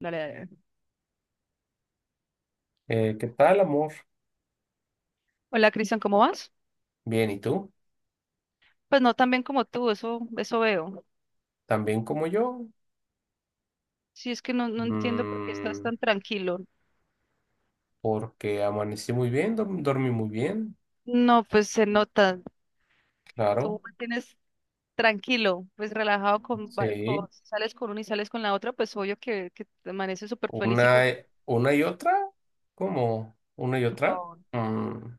Dale, dale. ¿Qué tal, amor? Hola, Cristian, ¿cómo vas? Bien, ¿y tú? Pues no tan bien como tú, eso veo. ¿También como yo? Sí, es que no entiendo por qué estás Mm, tan tranquilo. Porque amanecí muy bien, dormí muy bien, No, pues se nota. claro. Tú mantienes tranquilo, pues relajado Sí, si sales con una y sales con la otra, pues obvio que te amaneces súper feliz y con. Una y otra, ¿cómo? ¿Una y Por otra? favor. Mm,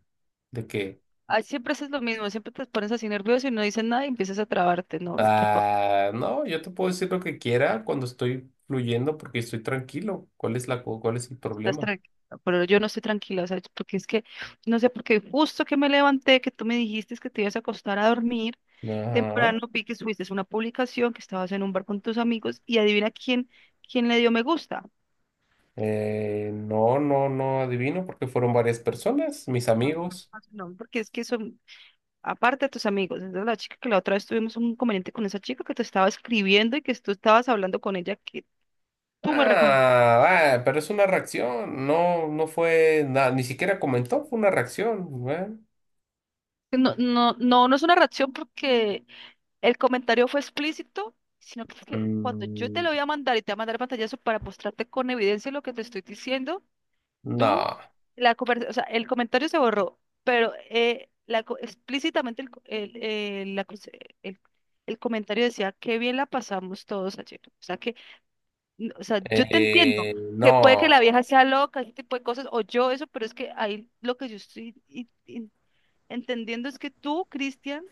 ¿De qué? Ay, siempre haces lo mismo, siempre te pones así nervioso y no dices nada y empiezas a trabarte. No, no, por favor, Ah, no, yo te puedo decir lo que quiera cuando estoy fluyendo porque estoy tranquilo. ¿Cuál es cuál es el no estás problema? tranquila. Pero yo no estoy tranquila, o sea, porque es que, no sé, porque justo que me levanté, que tú me dijiste que te ibas a acostar a dormir. Ajá. Temprano vi que subiste una publicación que estabas en un bar con tus amigos y adivina quién le dio me gusta. No, no, no adivino porque fueron varias personas, mis No, pues, amigos. pues, no, porque es que son, aparte de tus amigos, es de la chica que la otra vez tuvimos un inconveniente con esa chica que te estaba escribiendo y que tú estabas hablando con ella, que tú me reconoces. Ah, ah, pero es una reacción, no, no fue nada, ni siquiera comentó, fue una reacción, güey. No, no, no, no es una reacción porque el comentario fue explícito, sino que, es que cuando yo te lo Mm, voy a mandar y te voy a mandar el pantallazo para mostrarte con evidencia lo que te estoy diciendo, tú, no, o sea, el comentario se borró, pero explícitamente el, co- el, la cons- el- el comentario decía, qué bien la pasamos todos ayer. O sea, o sea, yo te entiendo que puede que no, la vieja sea loca, ese tipo de cosas, o yo eso, pero es que ahí lo que yo estoy entendiendo es que tú, Cristian,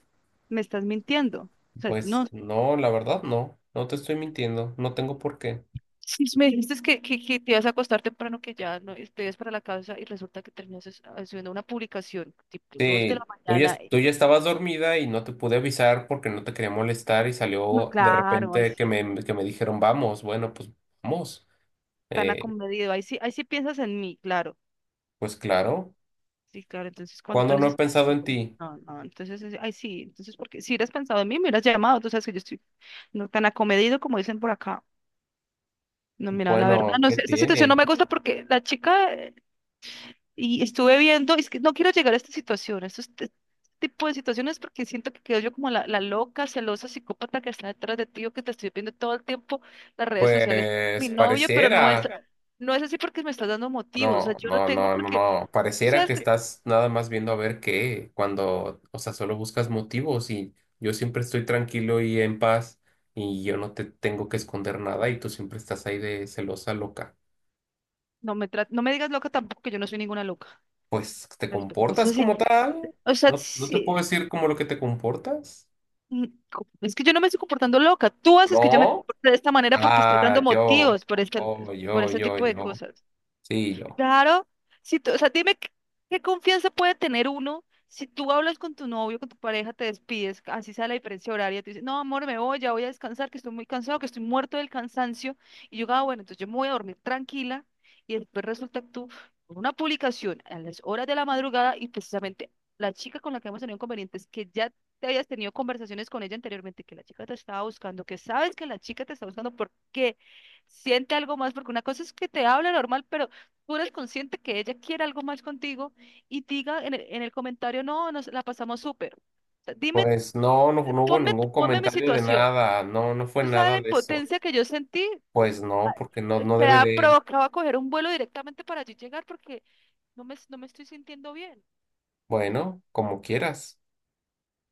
me estás mintiendo. O sea, no, pues no, la verdad no, no te estoy mintiendo, no tengo por qué. si me dijiste que te ibas a acostar temprano, que ya no te ibas para la casa y resulta que terminas haciendo una publicación tipo dos de la Sí, tú ya, mañana. tú ya estabas dormida y no te pude avisar porque no te quería molestar y No, salió de claro, ahí repente que sí, me, que me dijeron, vamos, bueno, pues vamos. tan Eh, acomedido, ahí sí piensas en mí, claro, pues claro, sí, claro, entonces cuando tú ¿cuando no he necesitas, pensado en ti? no, no, entonces, ahí sí, entonces, porque si hubieras pensado en mí, me hubieras llamado, tú sabes que yo estoy no tan acomedido como dicen por acá, no, mira, la verdad, Bueno, no ¿qué sé, esta situación no tiene? me gusta porque la chica y estuve viendo, es que no quiero llegar a esta situación, a estos tipo de situaciones porque siento que quedo yo como la loca, celosa, psicópata que está detrás de ti o que te estoy viendo todo el tiempo las redes sociales, Pues mi novio, pero no es, pareciera, no es así porque me estás dando motivos, o sea, no, yo no no, tengo no, no, porque, no, pareciera sabes que que, estás nada más viendo a ver qué, cuando, o sea, solo buscas motivos y yo siempre estoy tranquilo y en paz y yo no te tengo que esconder nada y tú siempre estás ahí de celosa, loca. No me digas loca tampoco, que yo no soy ninguna loca, Pues te respeto, no comportas sé si, como tal, o sea, no, no te puedo sí, decir como lo que te comportas, mm, es que yo no me estoy comportando loca, tú haces que yo me ¿no? comporte de esta manera porque estás dando Ah, yo, motivos por este, oh, por yo, este yo, tipo de yo, cosas. sí, yo. Claro, si tú, o sea, dime qué confianza puede tener uno si tú hablas con tu novio, con tu pareja, te despides, así sea la diferencia horaria, tú dices, no, amor, me voy, ya voy a descansar, que estoy muy cansado, que estoy muerto del cansancio, y yo, ah, bueno, entonces yo me voy a dormir tranquila, y después resulta que tú, con una publicación a las horas de la madrugada, y precisamente la chica con la que hemos tenido inconvenientes, que ya te habías tenido conversaciones con ella anteriormente, que la chica te estaba buscando, que sabes que la chica te está buscando porque siente algo más, porque una cosa es que te habla normal, pero tú eres consciente que ella quiere algo más contigo y diga en el comentario, no, nos la pasamos súper. O sea, dime, Pues no, no, no hubo ponme, ningún ponme mi comentario de situación. nada, no, no fue Tú sabes la nada de eso. impotencia que yo sentí, Pues no, porque no, no te debe ha de, provocado a coger un vuelo directamente para allí llegar porque no me estoy sintiendo bien. bueno, como quieras,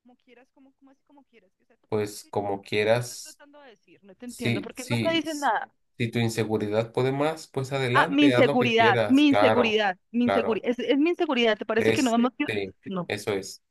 Como quieras, como así como quieras. O sea, pues ¿qué como estás quieras, tratando de decir? No te entiendo, sí, porque no te sí, dicen nada. si tu inseguridad puede más, pues Ah, mi adelante, haz lo que inseguridad, quieras, mi claro, inseguridad, mi claro, inseguridad. Es mi inseguridad, ¿te parece que no hemos? este, No. eso es.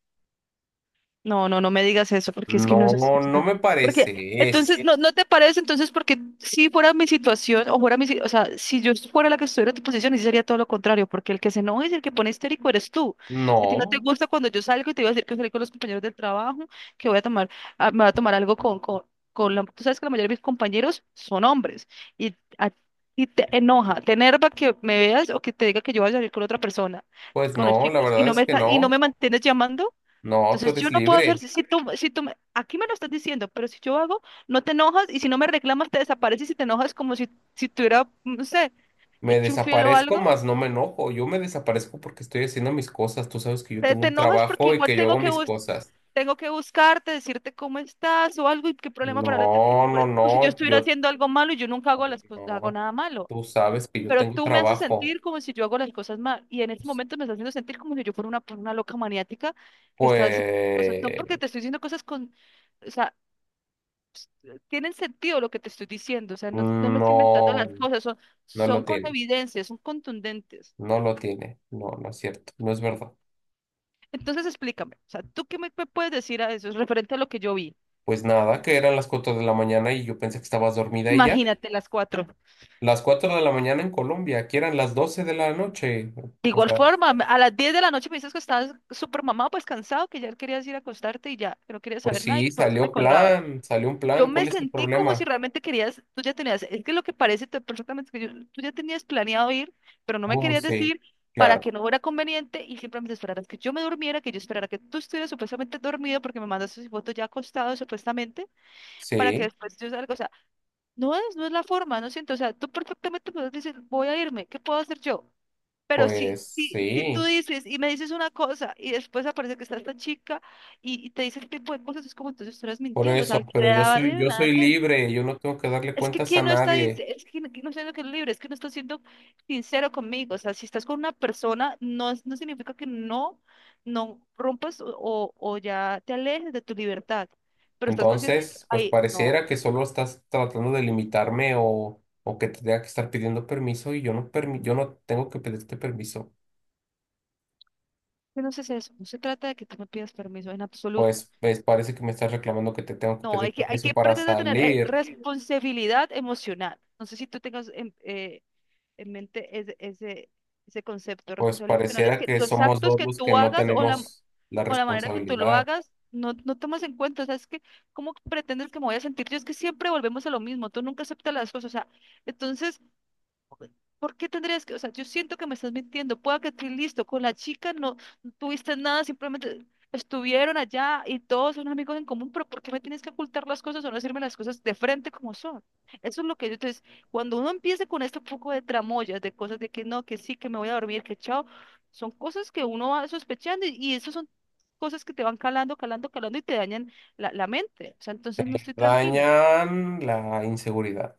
No, no, no me digas eso, porque es que no es así. No, no me Porque, parece, entonces, es, ¿no te parece? Entonces, porque si fuera mi situación, o fuera mi, si- o sea, si yo fuera la que estuviera en tu posición, sí sería todo lo contrario, porque el que se enoja y el que pone histérico eres tú. Si a ti no te no, gusta cuando yo salgo y te voy a decir que salí con los compañeros del trabajo, que voy a tomar, ah, me voy a tomar algo con la, tú sabes que la mayoría de mis compañeros son hombres, y a ti te enoja, te enerva que me veas o que te diga que yo voy a salir con otra persona, pues con los no, la chicos, y verdad es que y no no, me mantienes llamando. no, tú Entonces, yo eres no puedo hacer, libre. si tú, aquí me lo estás diciendo, pero si yo hago, no te enojas y si no me reclamas, te desapareces y te enojas como si tuviera, no sé, Me hecho un fiel o desaparezco, algo. más no me enojo. Yo me desaparezco porque estoy haciendo mis cosas. Tú sabes que yo Te, tengo te un enojas porque trabajo y igual que yo hago mis cosas. tengo que buscarte, decirte cómo estás o algo y qué problema para No, hablarte. Y tú por no, eso, no, como si yo estuviera yo haciendo algo malo y yo nunca hago las cosas, hago no. nada malo. Tú sabes que yo Pero tengo tú me haces trabajo. sentir como si yo hago las cosas mal. Y en este momento me estás haciendo sentir como si yo fuera una loca maniática que está diciendo cosas, no porque Pues te estoy diciendo cosas con. O sea, tienen sentido lo que te estoy diciendo, o sea, no me estoy inventando no, las cosas, son, no lo son con tiene. evidencia, son contundentes. No lo tiene. No, no es cierto. No es verdad. Entonces explícame, o sea, ¿tú qué me puedes decir a eso referente a lo que yo vi? Pues nada, que eran las 4 de la mañana y yo pensé que estabas dormida y ya. Imagínate las cuatro. Las cuatro de la mañana en Colombia, que eran las 12 de la noche. De O igual sea, forma, a las diez de la noche me dices que estabas súper mamado, pues cansado, que ya querías ir a acostarte y ya, que no querías pues saber nada y sí, que por eso me colgaba. Salió un Yo plan. me ¿Cuál es el sentí como si problema? realmente querías, tú ya tenías, es que lo que parece tú ya tenías planeado ir, pero no me querías Sí, decir para claro, que no fuera conveniente y simplemente esperaras que yo me durmiera, que yo esperara que tú estuvieras supuestamente dormido porque me mandaste esa fotos ya acostado supuestamente para que sí, después yo salga, o sea, no es la forma, no siento, o sea, tú perfectamente puedes decir, voy a irme, ¿qué puedo hacer yo? Pero si, pues si, si tú sí, dices y me dices una cosa y después aparece que está esta chica y te dice ese tipo de cosas, es como entonces tú estás por mintiendo, o sea, eso, al que le pero yo daba soy, de yo nada soy temes. libre, yo no tengo que darle cuentas a nadie. Es que quién no está siendo que es libre, es que no está siendo sincero conmigo. O sea, si estás con una persona, no, no significa que no rompas o ya te alejes de tu libertad. Pero estás consciente que, Entonces, pues ay, pareciera no, que solo estás tratando de limitarme o que te tenga que estar pidiendo permiso y yo no tengo que pedirte permiso. que no se hace eso. No se trata de que tú me pidas permiso en absoluto. Pues parece que me estás reclamando que te tengo que No, pedir hay que, hay permiso que para pretender tener salir. responsabilidad emocional. No sé si tú tengas en mente ese concepto. Pues Responsabilidad emocional es pareciera que que los somos actos dos que los que tú no hagas o la, tenemos la o la manera que tú lo responsabilidad. hagas, no tomas en cuenta. O sea, es que, ¿cómo pretendes que me voy a sentir? Yo es que siempre volvemos a lo mismo. Tú nunca aceptas las cosas. O sea, entonces, ¿por qué tendrías que, o sea, yo siento que me estás mintiendo, pueda que estés listo, con la chica no tuviste nada, simplemente estuvieron allá y todos son amigos en común, pero ¿por qué me tienes que ocultar las cosas o no decirme las cosas de frente como son? Eso es lo que yo, entonces, cuando uno empieza con este poco de tramoyas, de cosas de que no, que sí, que me voy a dormir, que chao, son cosas que uno va sospechando y eso son cosas que te van calando, calando, calando y te dañan la mente, o sea, entonces no estoy tranquila. Dañan la inseguridad.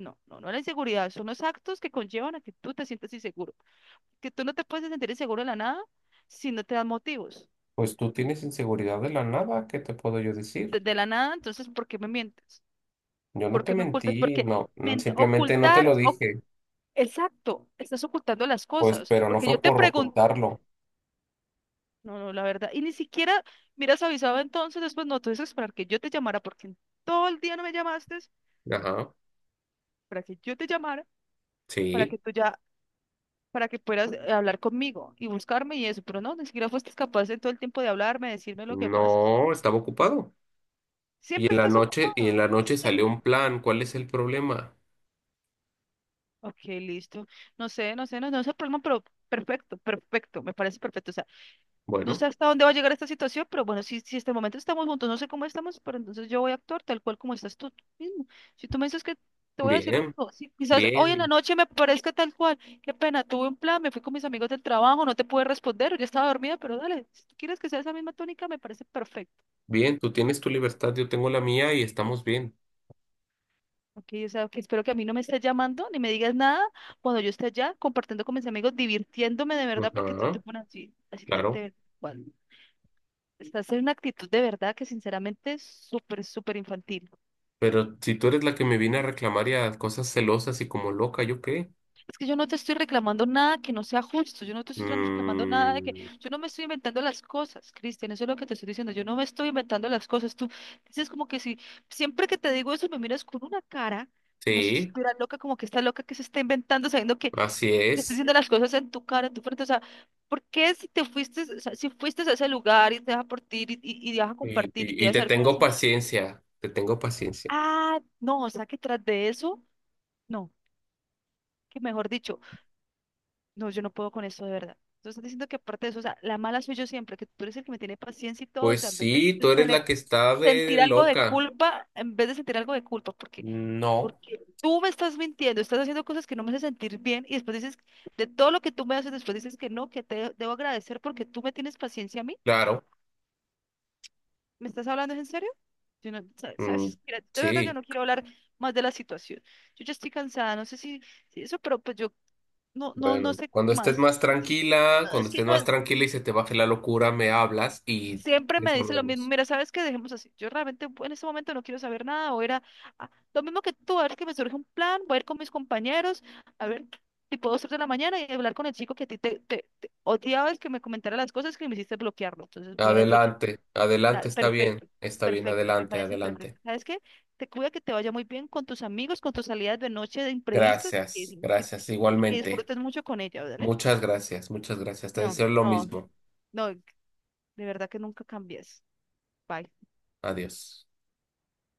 No, no, no la inseguridad, son los actos que conllevan a que tú te sientas inseguro que tú no te puedes sentir inseguro de la nada si no te das motivos. Pues tú tienes inseguridad de la nada, ¿qué te puedo yo De, decir? de la nada, entonces, ¿por qué me mientes? Yo no ¿Por te qué me ocultas? mentí, Porque no, ment- simplemente no te lo ocultar, oc- dije, exacto, estás ocultando las pues, cosas. pero no Porque yo fue te por pregunto, ocultarlo. no, no, la verdad, y ni siquiera miras avisado entonces, después no, tú dices esperar que yo te llamara, porque en todo el día no me llamaste, Ajá, para que yo te llamara, para que sí, tú ya, para que puedas hablar conmigo y buscarme y eso, pero no, ni siquiera fuiste capaz en todo el tiempo de hablarme, decirme lo que pasa. no, estaba ocupado. Y Siempre en la estás noche, y en ocupado. la noche salió un plan, ¿cuál es el problema? Ok, listo. No sé, no sé, no, no es el problema, pero perfecto, perfecto, me parece perfecto. O sea, no Bueno, sé hasta dónde va a llegar esta situación, pero bueno, si hasta el momento estamos juntos, no sé cómo estamos, pero entonces yo voy a actuar tal cual como estás tú mismo. Si tú me dices que te voy a decir lo bien, mismo, sí, quizás hoy en la bien, noche me parezca tal cual. Qué pena, tuve un plan, me fui con mis amigos del trabajo, no te pude responder, yo estaba dormida, pero dale, si tú quieres que sea esa misma tónica, me parece perfecto. bien, tú tienes tu libertad, yo tengo la mía y estamos bien. Ok, o sea, que espero que a mí no me estés llamando ni me digas nada cuando yo esté allá compartiendo con mis amigos, divirtiéndome de verdad, porque tú te Ajá, pones así, claro. Bueno, estás en una actitud de verdad que sinceramente es súper, súper infantil. Pero si tú eres la que me viene a reclamar y a cosas celosas y como loca, ¿yo qué? Es que yo no te estoy reclamando nada que no sea justo, yo no te estoy reclamando nada de que, Mm, yo no me estoy inventando las cosas, Cristian, eso es lo que te estoy diciendo, yo no me estoy inventando las cosas, tú dices como que si, siempre que te digo eso me miras con una cara. Como si yo sí, estuviera loca, como que está loca que se está inventando, sabiendo que así te estoy es. diciendo las cosas en tu cara, en tu frente, o sea, ¿por qué si te fuiste, o sea, si fuiste a ese lugar y te vas a partir y te vas a compartir y te Y vas te a hacer con tengo esa chica? paciencia, te tengo paciencia. Ah, no, o sea, que tras de eso, no, que mejor dicho, no, yo no puedo con esto de verdad. Entonces, estás diciendo que aparte de eso, o sea, la mala soy yo siempre, que tú eres el que me tiene paciencia y todo, o Pues sea, en vez de sí, de tú eres tener la que está de sentir algo de loca. culpa en vez de sentir algo de culpa, porque, No, porque tú me estás mintiendo, estás haciendo cosas que no me hacen sentir bien y después dices, de todo lo que tú me haces, después dices que no, que te debo agradecer porque tú me tienes paciencia a mí. claro. ¿Me estás hablando en serio? Yo no, sa- Mm, sabes, mira, de verdad yo sí, no quiero hablar más de la situación. Yo ya estoy cansada, no sé si eso, pero pues yo no, no, no bueno, sé cuando estés más. más Continúa. tranquila, No, cuando es que estés no, más tranquila y se te baje la locura, me hablas y siempre me dice lo mismo, resolvemos. mira, ¿sabes qué? Dejemos así. Yo realmente en este momento no quiero saber nada, o era ah, lo mismo que tú, a ver que me surge un plan, voy a ir con mis compañeros, a ver, tipo 2, 3 de la mañana y hablar con el chico que a ti te odiaba el que me comentara las cosas que me hiciste bloquearlo. Entonces voy a desbloquear. Adelante, adelante, Dale, perfecto. está bien, Perfecto, me adelante, parece perfecto. adelante. ¿Sabes qué? Te cuida que te vaya muy bien con tus amigos, con tus salidas de noche de imprevistas Gracias, y que, gracias, y que igualmente. disfrutes mucho con ella, ¿vale? Muchas gracias, muchas gracias. Te No, deseo lo no, mismo. no, de verdad que nunca cambies. Bye. Adiós.